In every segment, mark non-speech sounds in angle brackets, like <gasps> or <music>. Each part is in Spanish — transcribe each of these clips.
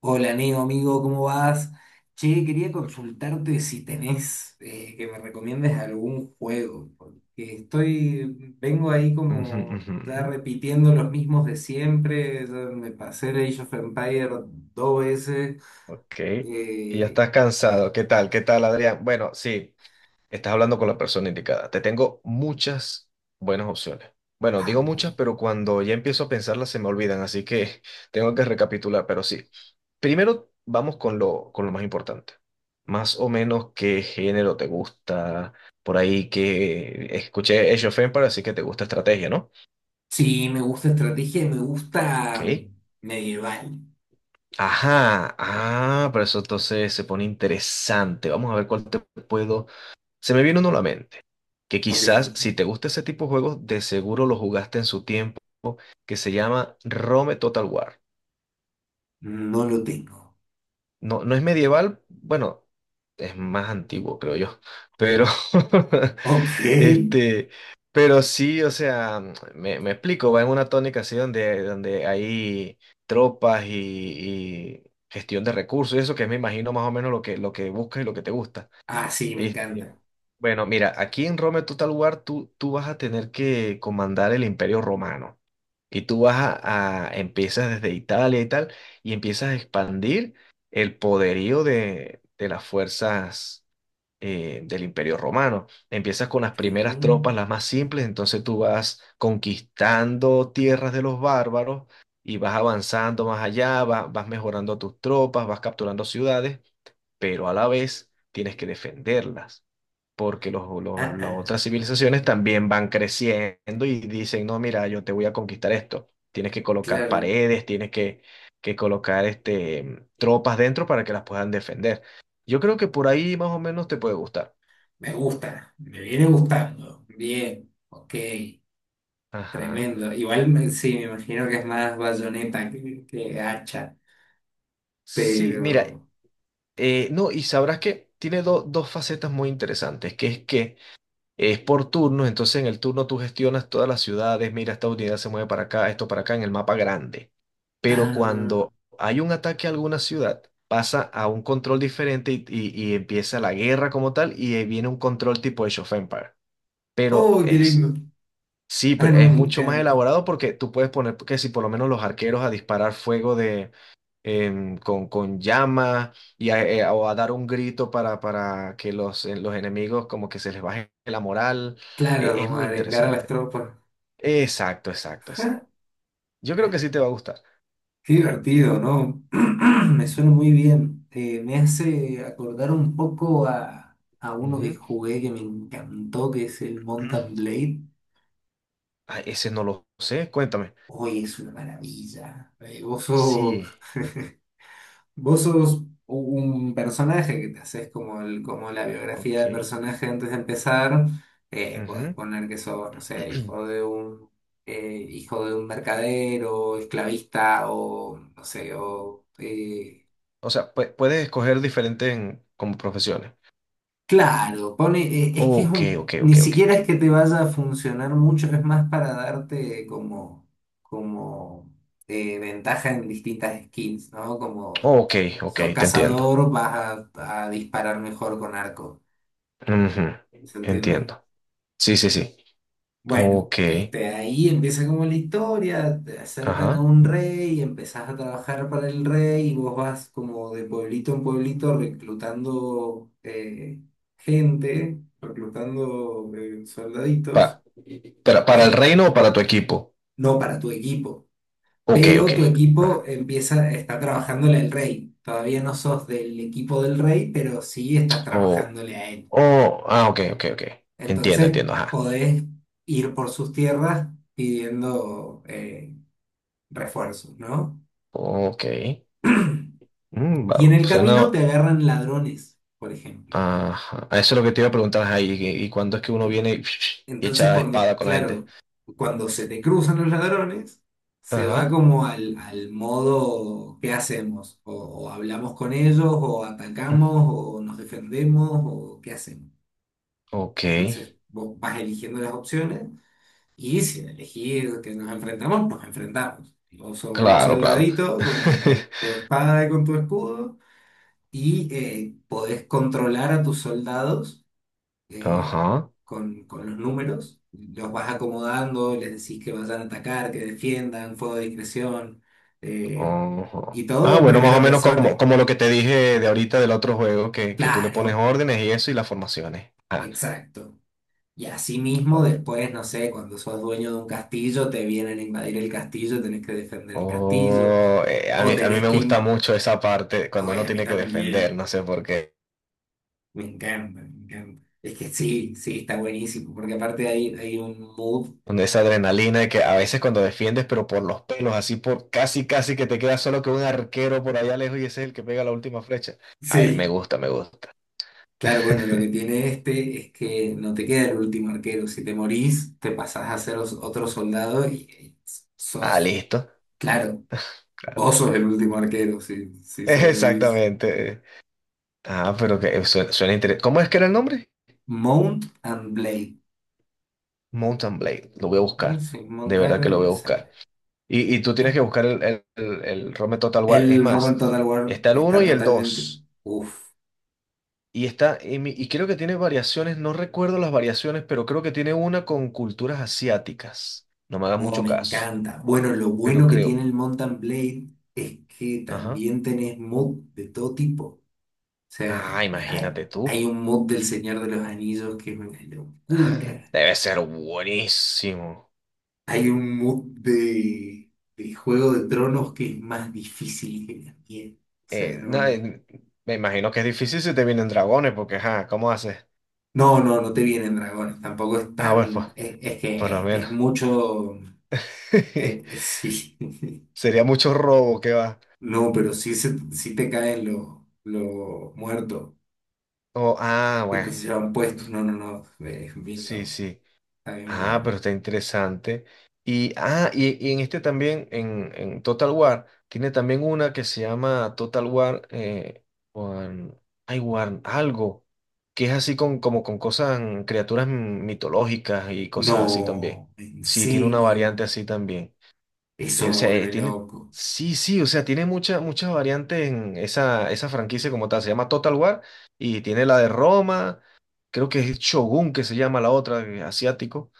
Hola, amigo, ¿cómo vas? Che, quería consultarte si tenés que me recomiendes algún juego, porque vengo ahí Ujú, como ujú. ya repitiendo los mismos de siempre, ya me pasé el Age of Empire 2 veces. Ok. Y ya eh, estás cansado. ¿Qué tal? ¿Qué tal, Adrián? Bueno, sí, estás hablando con la persona indicada. Te tengo muchas buenas opciones. Bueno, digo vamos, muchas, pero cuando ya empiezo a pensarlas se me olvidan, así que <laughs> tengo que recapitular, pero sí. Primero vamos con lo más importante. Más o menos, ¿qué género te gusta? Por ahí que escuché Age of Empires, así que te gusta estrategia, ¿no? sí, me gusta estrategia y me Ok. gusta medieval. Ajá. Ah, pero eso entonces se pone interesante. Vamos a ver cuál te puedo. Se me viene uno a la mente, que Ok, quizás si te gusta ese tipo de juegos, de seguro lo jugaste en su tiempo, que se llama Rome Total War. no lo tengo. No, no es medieval, bueno, es más antiguo, creo yo, pero <laughs> Ok. este, pero sí, o sea, me explico, va en una tónica así donde, donde hay tropas y gestión de recursos, y eso que me imagino más o menos lo que buscas y lo que te gusta. Ah, sí, me Este, encanta. bueno, mira, aquí en Roma, en Total War, tú vas a tener que comandar el Imperio Romano. Y tú vas empiezas desde Italia y tal, y empiezas a expandir el poderío de las fuerzas del Imperio Romano. Empiezas con las Sí. primeras tropas, las más simples, entonces tú vas conquistando tierras de los bárbaros y vas avanzando más allá, vas mejorando tus tropas, vas capturando ciudades, pero a la vez tienes que defenderlas porque Ah, las otras ah, civilizaciones también van creciendo y dicen, no, mira, yo te voy a conquistar esto. Tienes que colocar claro. paredes, tienes que colocar tropas dentro para que las puedan defender. Yo creo que por ahí más o menos te puede gustar. Me gusta, me viene gustando. Bien, ok, Ajá. tremendo. Sí, me imagino que es más bayoneta que hacha, Sí, mira, pero... no, y sabrás que tiene dos facetas muy interesantes, que es que es por turnos, entonces en el turno tú gestionas todas las ciudades, mira, esta unidad se mueve para acá, esto para acá en el mapa grande. Pero Ah, cuando hay un ataque a alguna ciudad, pasa a un control diferente y empieza la guerra como tal y ahí viene un control tipo Age of Empires. Pero oh, qué es, lindo. sí, Ah, pero no, es me mucho más encanta. elaborado porque tú puedes poner que si por lo menos los arqueros a disparar fuego de con llama y o a dar un grito para que los enemigos como que se les baje la moral. Claro, Es como muy arengar a las interesante. tropas. Exacto, exacto, exacto. Yo creo que sí te va a gustar. Qué divertido, ¿no? <clears throat> Me suena muy bien. Me hace acordar un poco a uno que Ujú. jugué que me encantó, que es el Mountain <clears throat> Blade. Ah, ese no lo sé, cuéntame. Hoy es una maravilla. Vos sos... Sí, <laughs> Vos sos un personaje que te haces como, el, como la biografía ok. del personaje antes de empezar. Podés Ujú. poner que sos, no sé, hijo de un mercader o esclavista o, no sé, o <clears throat> O sea, puedes escoger diferentes como profesiones. claro, pone, es que es Ok, ok, ni ok, ok, ok. siquiera es que te vaya a funcionar mucho, es más para darte como, como ventaja en distintas skins, ¿no? Como Ok, si ok, sos te entiendo. cazador, vas a disparar mejor con arco, Ujú, ¿se entiende? entiendo. Sí, sí, sí. Bueno, Ok, este, ahí empieza como la historia, te acercan a ajá. un rey, empezás a trabajar para el rey y vos vas como de pueblito en pueblito reclutando gente, reclutando soldaditos, Pa- para el reino o para tu equipo. no para tu equipo, Ok, ok. pero tu equipo Ajá. empieza, está trabajándole al rey. Todavía no sos del equipo del rey, pero sí estás O, trabajándole a él. o, ah, ok, ok, ok. Entiendo, Entonces entiendo, ajá. podés ir por sus tierras pidiendo... refuerzos, ¿no? Ok. Y en el camino Suena. te agarran ladrones, por ejemplo. Ajá. Eso es lo que te iba a preguntar, ajá. ¿Y cuándo es que uno viene En- y Entonces, echa cuando, espada con la gente? claro, cuando se te cruzan los ladrones, se va Ajá. como al modo, ¿qué hacemos? O hablamos con ellos, o atacamos, o nos defendemos, o ¿qué hacemos? Ok. Entonces, vos vas eligiendo las opciones y si elegís que nos enfrentamos, nos enfrentamos. Y vos sos un Claro, claro. soldadito <laughs> con tu espada y con tu escudo y podés controlar a tus soldados eh, Ajá. Con los números. Los vas acomodando, les decís que vayan a atacar, que defiendan, fuego de discreción, eh, Ajá. y todo Ah, en bueno, más o primera menos como, persona. como lo que te dije de ahorita del otro juego, que tú le pones Claro, órdenes y eso y las formaciones. Exacto. Y así mismo después, no sé, cuando sos dueño de un castillo, te vienen a invadir el castillo, tenés que defender el castillo, Oh, a o mí, a mí tenés me que... gusta in- mucho esa parte cuando Ay, uno a mí tiene que defender, también, no sé por qué. me encanta, me encanta. Es que sí, sí, está buenísimo, porque aparte hay, hay un mood. Donde esa adrenalina de que a veces cuando defiendes, pero por los pelos, así por casi, casi que te queda solo que un arquero por allá lejos y ese es el que pega la última flecha. Ah, me Sí, gusta, me gusta. claro, bueno, lo que <laughs> tiene este es que no te queda el último arquero. Si te morís, te pasás a ser otro soldado y Ah, sos, listo. claro, Claro. vos sos el último arquero si, <laughs> si sobrevivís. Exactamente. Ah, pero que suena, suena interesante. ¿Cómo es que era el nombre? Mount and Blade. Mountain Blade. Lo voy a Mm, buscar. sí, De montar verdad que lo voy y a sangre. buscar. Y tú tienes que Bueno, buscar el ROM de Total War. Es el Roman más, Total War está el uno está y el totalmente. dos. Uf, Y y creo que tiene variaciones, no recuerdo las variaciones, pero creo que tiene una con culturas asiáticas. No me hagas oh, mucho me caso, encanta. Bueno, lo pero bueno que tiene creo. el Mount and Blade es que Ajá. también tenés mods de todo tipo. O sea, Ah, hay, imagínate tú. hay un mod del Señor de los Anillos que es una <laughs> <gasps> locura. Debe ser buenísimo. Hay un mod de Juego de Tronos que es más difícil que la mierda. O sea, no, Nada, es- me imagino que es difícil si te vienen dragones, porque, ajá, ¿cómo haces? no, no, no te vienen dragones. Tampoco es Ah, bueno, pues, tan. Es por lo que menos. es mucho. <laughs> Sí. <laughs> Sería mucho robo que va. No, pero sí, sí te caen los muertos Oh, ah, que bueno, te llevan puestos. No, no, no. Es bien sí, loco. sí. Está bien Ah, bueno. pero está interesante. Y en este también, en Total War, tiene también una que se llama Total War, Wan- algo, que es así como con cosas, criaturas mitológicas y cosas así también. No, en Sí, tiene una variante serio. así también. Eh, Eso o me sea, eh, vuelve tiene, loco. sí, sí, o sea, tiene muchas muchas variantes en esa franquicia como tal. Se llama Total War y tiene la de Roma, creo que es Shogun, que se llama la otra, asiático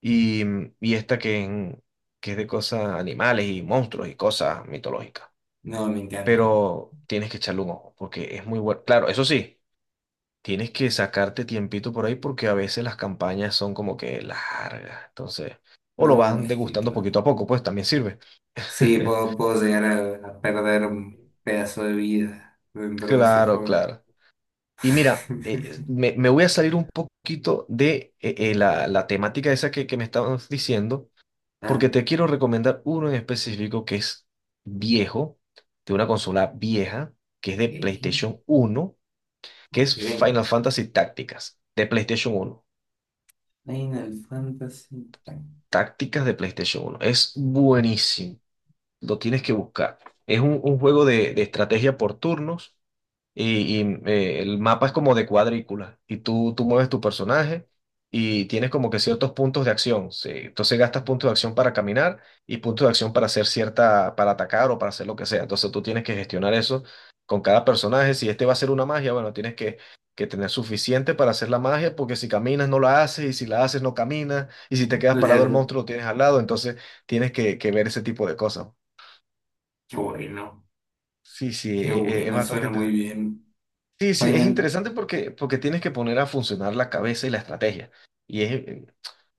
y, y esta que es de cosas animales y monstruos y cosas mitológicas. No, me encanta. Pero tienes que echarle un ojo porque es muy bueno. Claro, eso sí, tienes que sacarte tiempito por ahí porque a veces las campañas son como que largas. Entonces, o lo No, van es que degustando poquito claro. a poco, pues también sirve. Sí, puedo, <laughs> puedo llegar a perder un pedazo de vida dentro de ese Claro, juego. claro. Y mira, eh, <laughs> me, me voy a salir un poquito de la temática esa que me estabas diciendo Ah, porque te quiero recomendar uno en específico que es viejo, de una consola vieja, que es de ok, PlayStation uno, que ok. es Final Fantasy Tácticas, de PlayStation 1. Final Fantasy. Tank. Tácticas de PlayStation uno. Es buenísimo. Lo tienes que buscar. Es un juego de estrategia por turnos y el mapa es como de cuadrícula y tú mueves tu personaje y tienes como que ciertos puntos de acción. Sí. Entonces gastas puntos de acción para caminar y puntos de acción para hacer cierta, para atacar o para hacer lo que sea. Entonces tú tienes que gestionar eso con cada personaje. Si este va a ser una magia, bueno, tienes que tener suficiente para hacer la magia porque si caminas no la haces y si la haces no caminas y si te quedas parado el Claro, monstruo lo tienes al lado. Entonces tienes que ver ese tipo de cosas. qué bueno, Sí, sí, qué es bueno, bastante suena muy interesante. bien. Sí, sí, es Final. interesante porque tienes que poner a funcionar la cabeza y la estrategia. Y es, eh,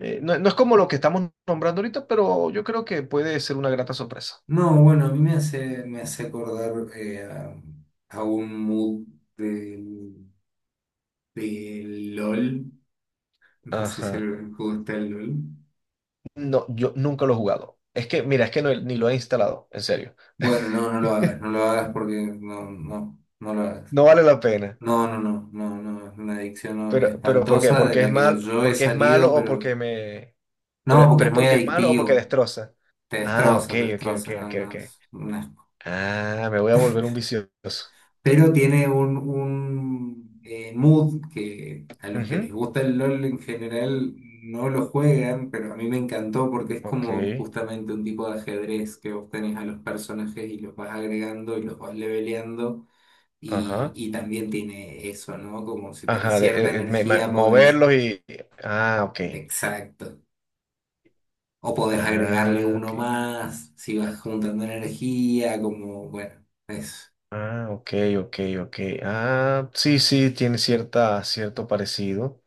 no, es como lo que estamos nombrando ahorita, pero yo creo que puede ser una grata sorpresa. No, bueno, a mí me hace acordar a un mood del, del LOL. No sé si Ajá. el juego está el LOL. No, yo nunca lo he jugado. Es que, mira, es que ni lo he instalado, en serio. Bueno, no, no lo hagas, <laughs> no lo hagas porque no, no, no lo hagas. No vale la pena. No, no, no, no, no, es una adicción no, Pero, ¿por qué? espantosa de ¿Porque es la que mal, yo he porque es salido, malo o pero porque me? no, Pero, porque pero es ¿es muy porque es malo o porque adictivo, destroza? Ah, ok, te ok, ok, destroza, no, ok, ok. no, es un asco. Ah, me voy a volver un vicioso. Pero tiene un mood que a los que les Ujú, gusta el LOL en general no lo juegan, pero a mí me encantó porque es ok. como justamente un tipo de ajedrez que vos tenés a los personajes y los vas agregando y los vas leveleando. Ajá. Y también tiene eso, ¿no? Como si tenés Ajá, cierta energía, podés, moverlos y. Ah, ok. exacto. O podés agregarle Ah, uno ok. más, si vas juntando energía, como, bueno, eso. Ah, ok, ok, ok. Ah, sí, sí, tiene cierta, cierto parecido.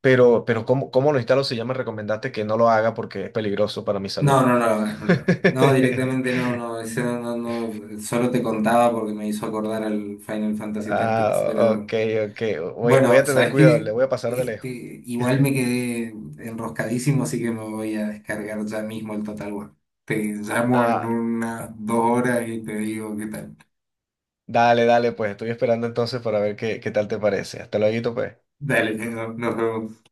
Pero, ¿cómo lo instalo si ya me recomendaste que no lo haga porque es peligroso para mi salud? No, no, no lo hagas, no <laughs> lo hagas. No, directamente no, no, ese no, no, no, solo te contaba porque me hizo acordar al Final Fantasy Tactics, Ah, pero ok, ok. Voy bueno, a tener ¿sabes cuidado, le qué? voy a pasar de Este, lejos. igual me <laughs> quedé enroscadísimo, así que me voy a descargar ya mismo el Total War. Te llamo en Ah, unas 2 horas y te digo qué tal. dale, dale, pues estoy esperando entonces para ver qué tal te parece. Hasta luego, pues. Dale, nos vemos.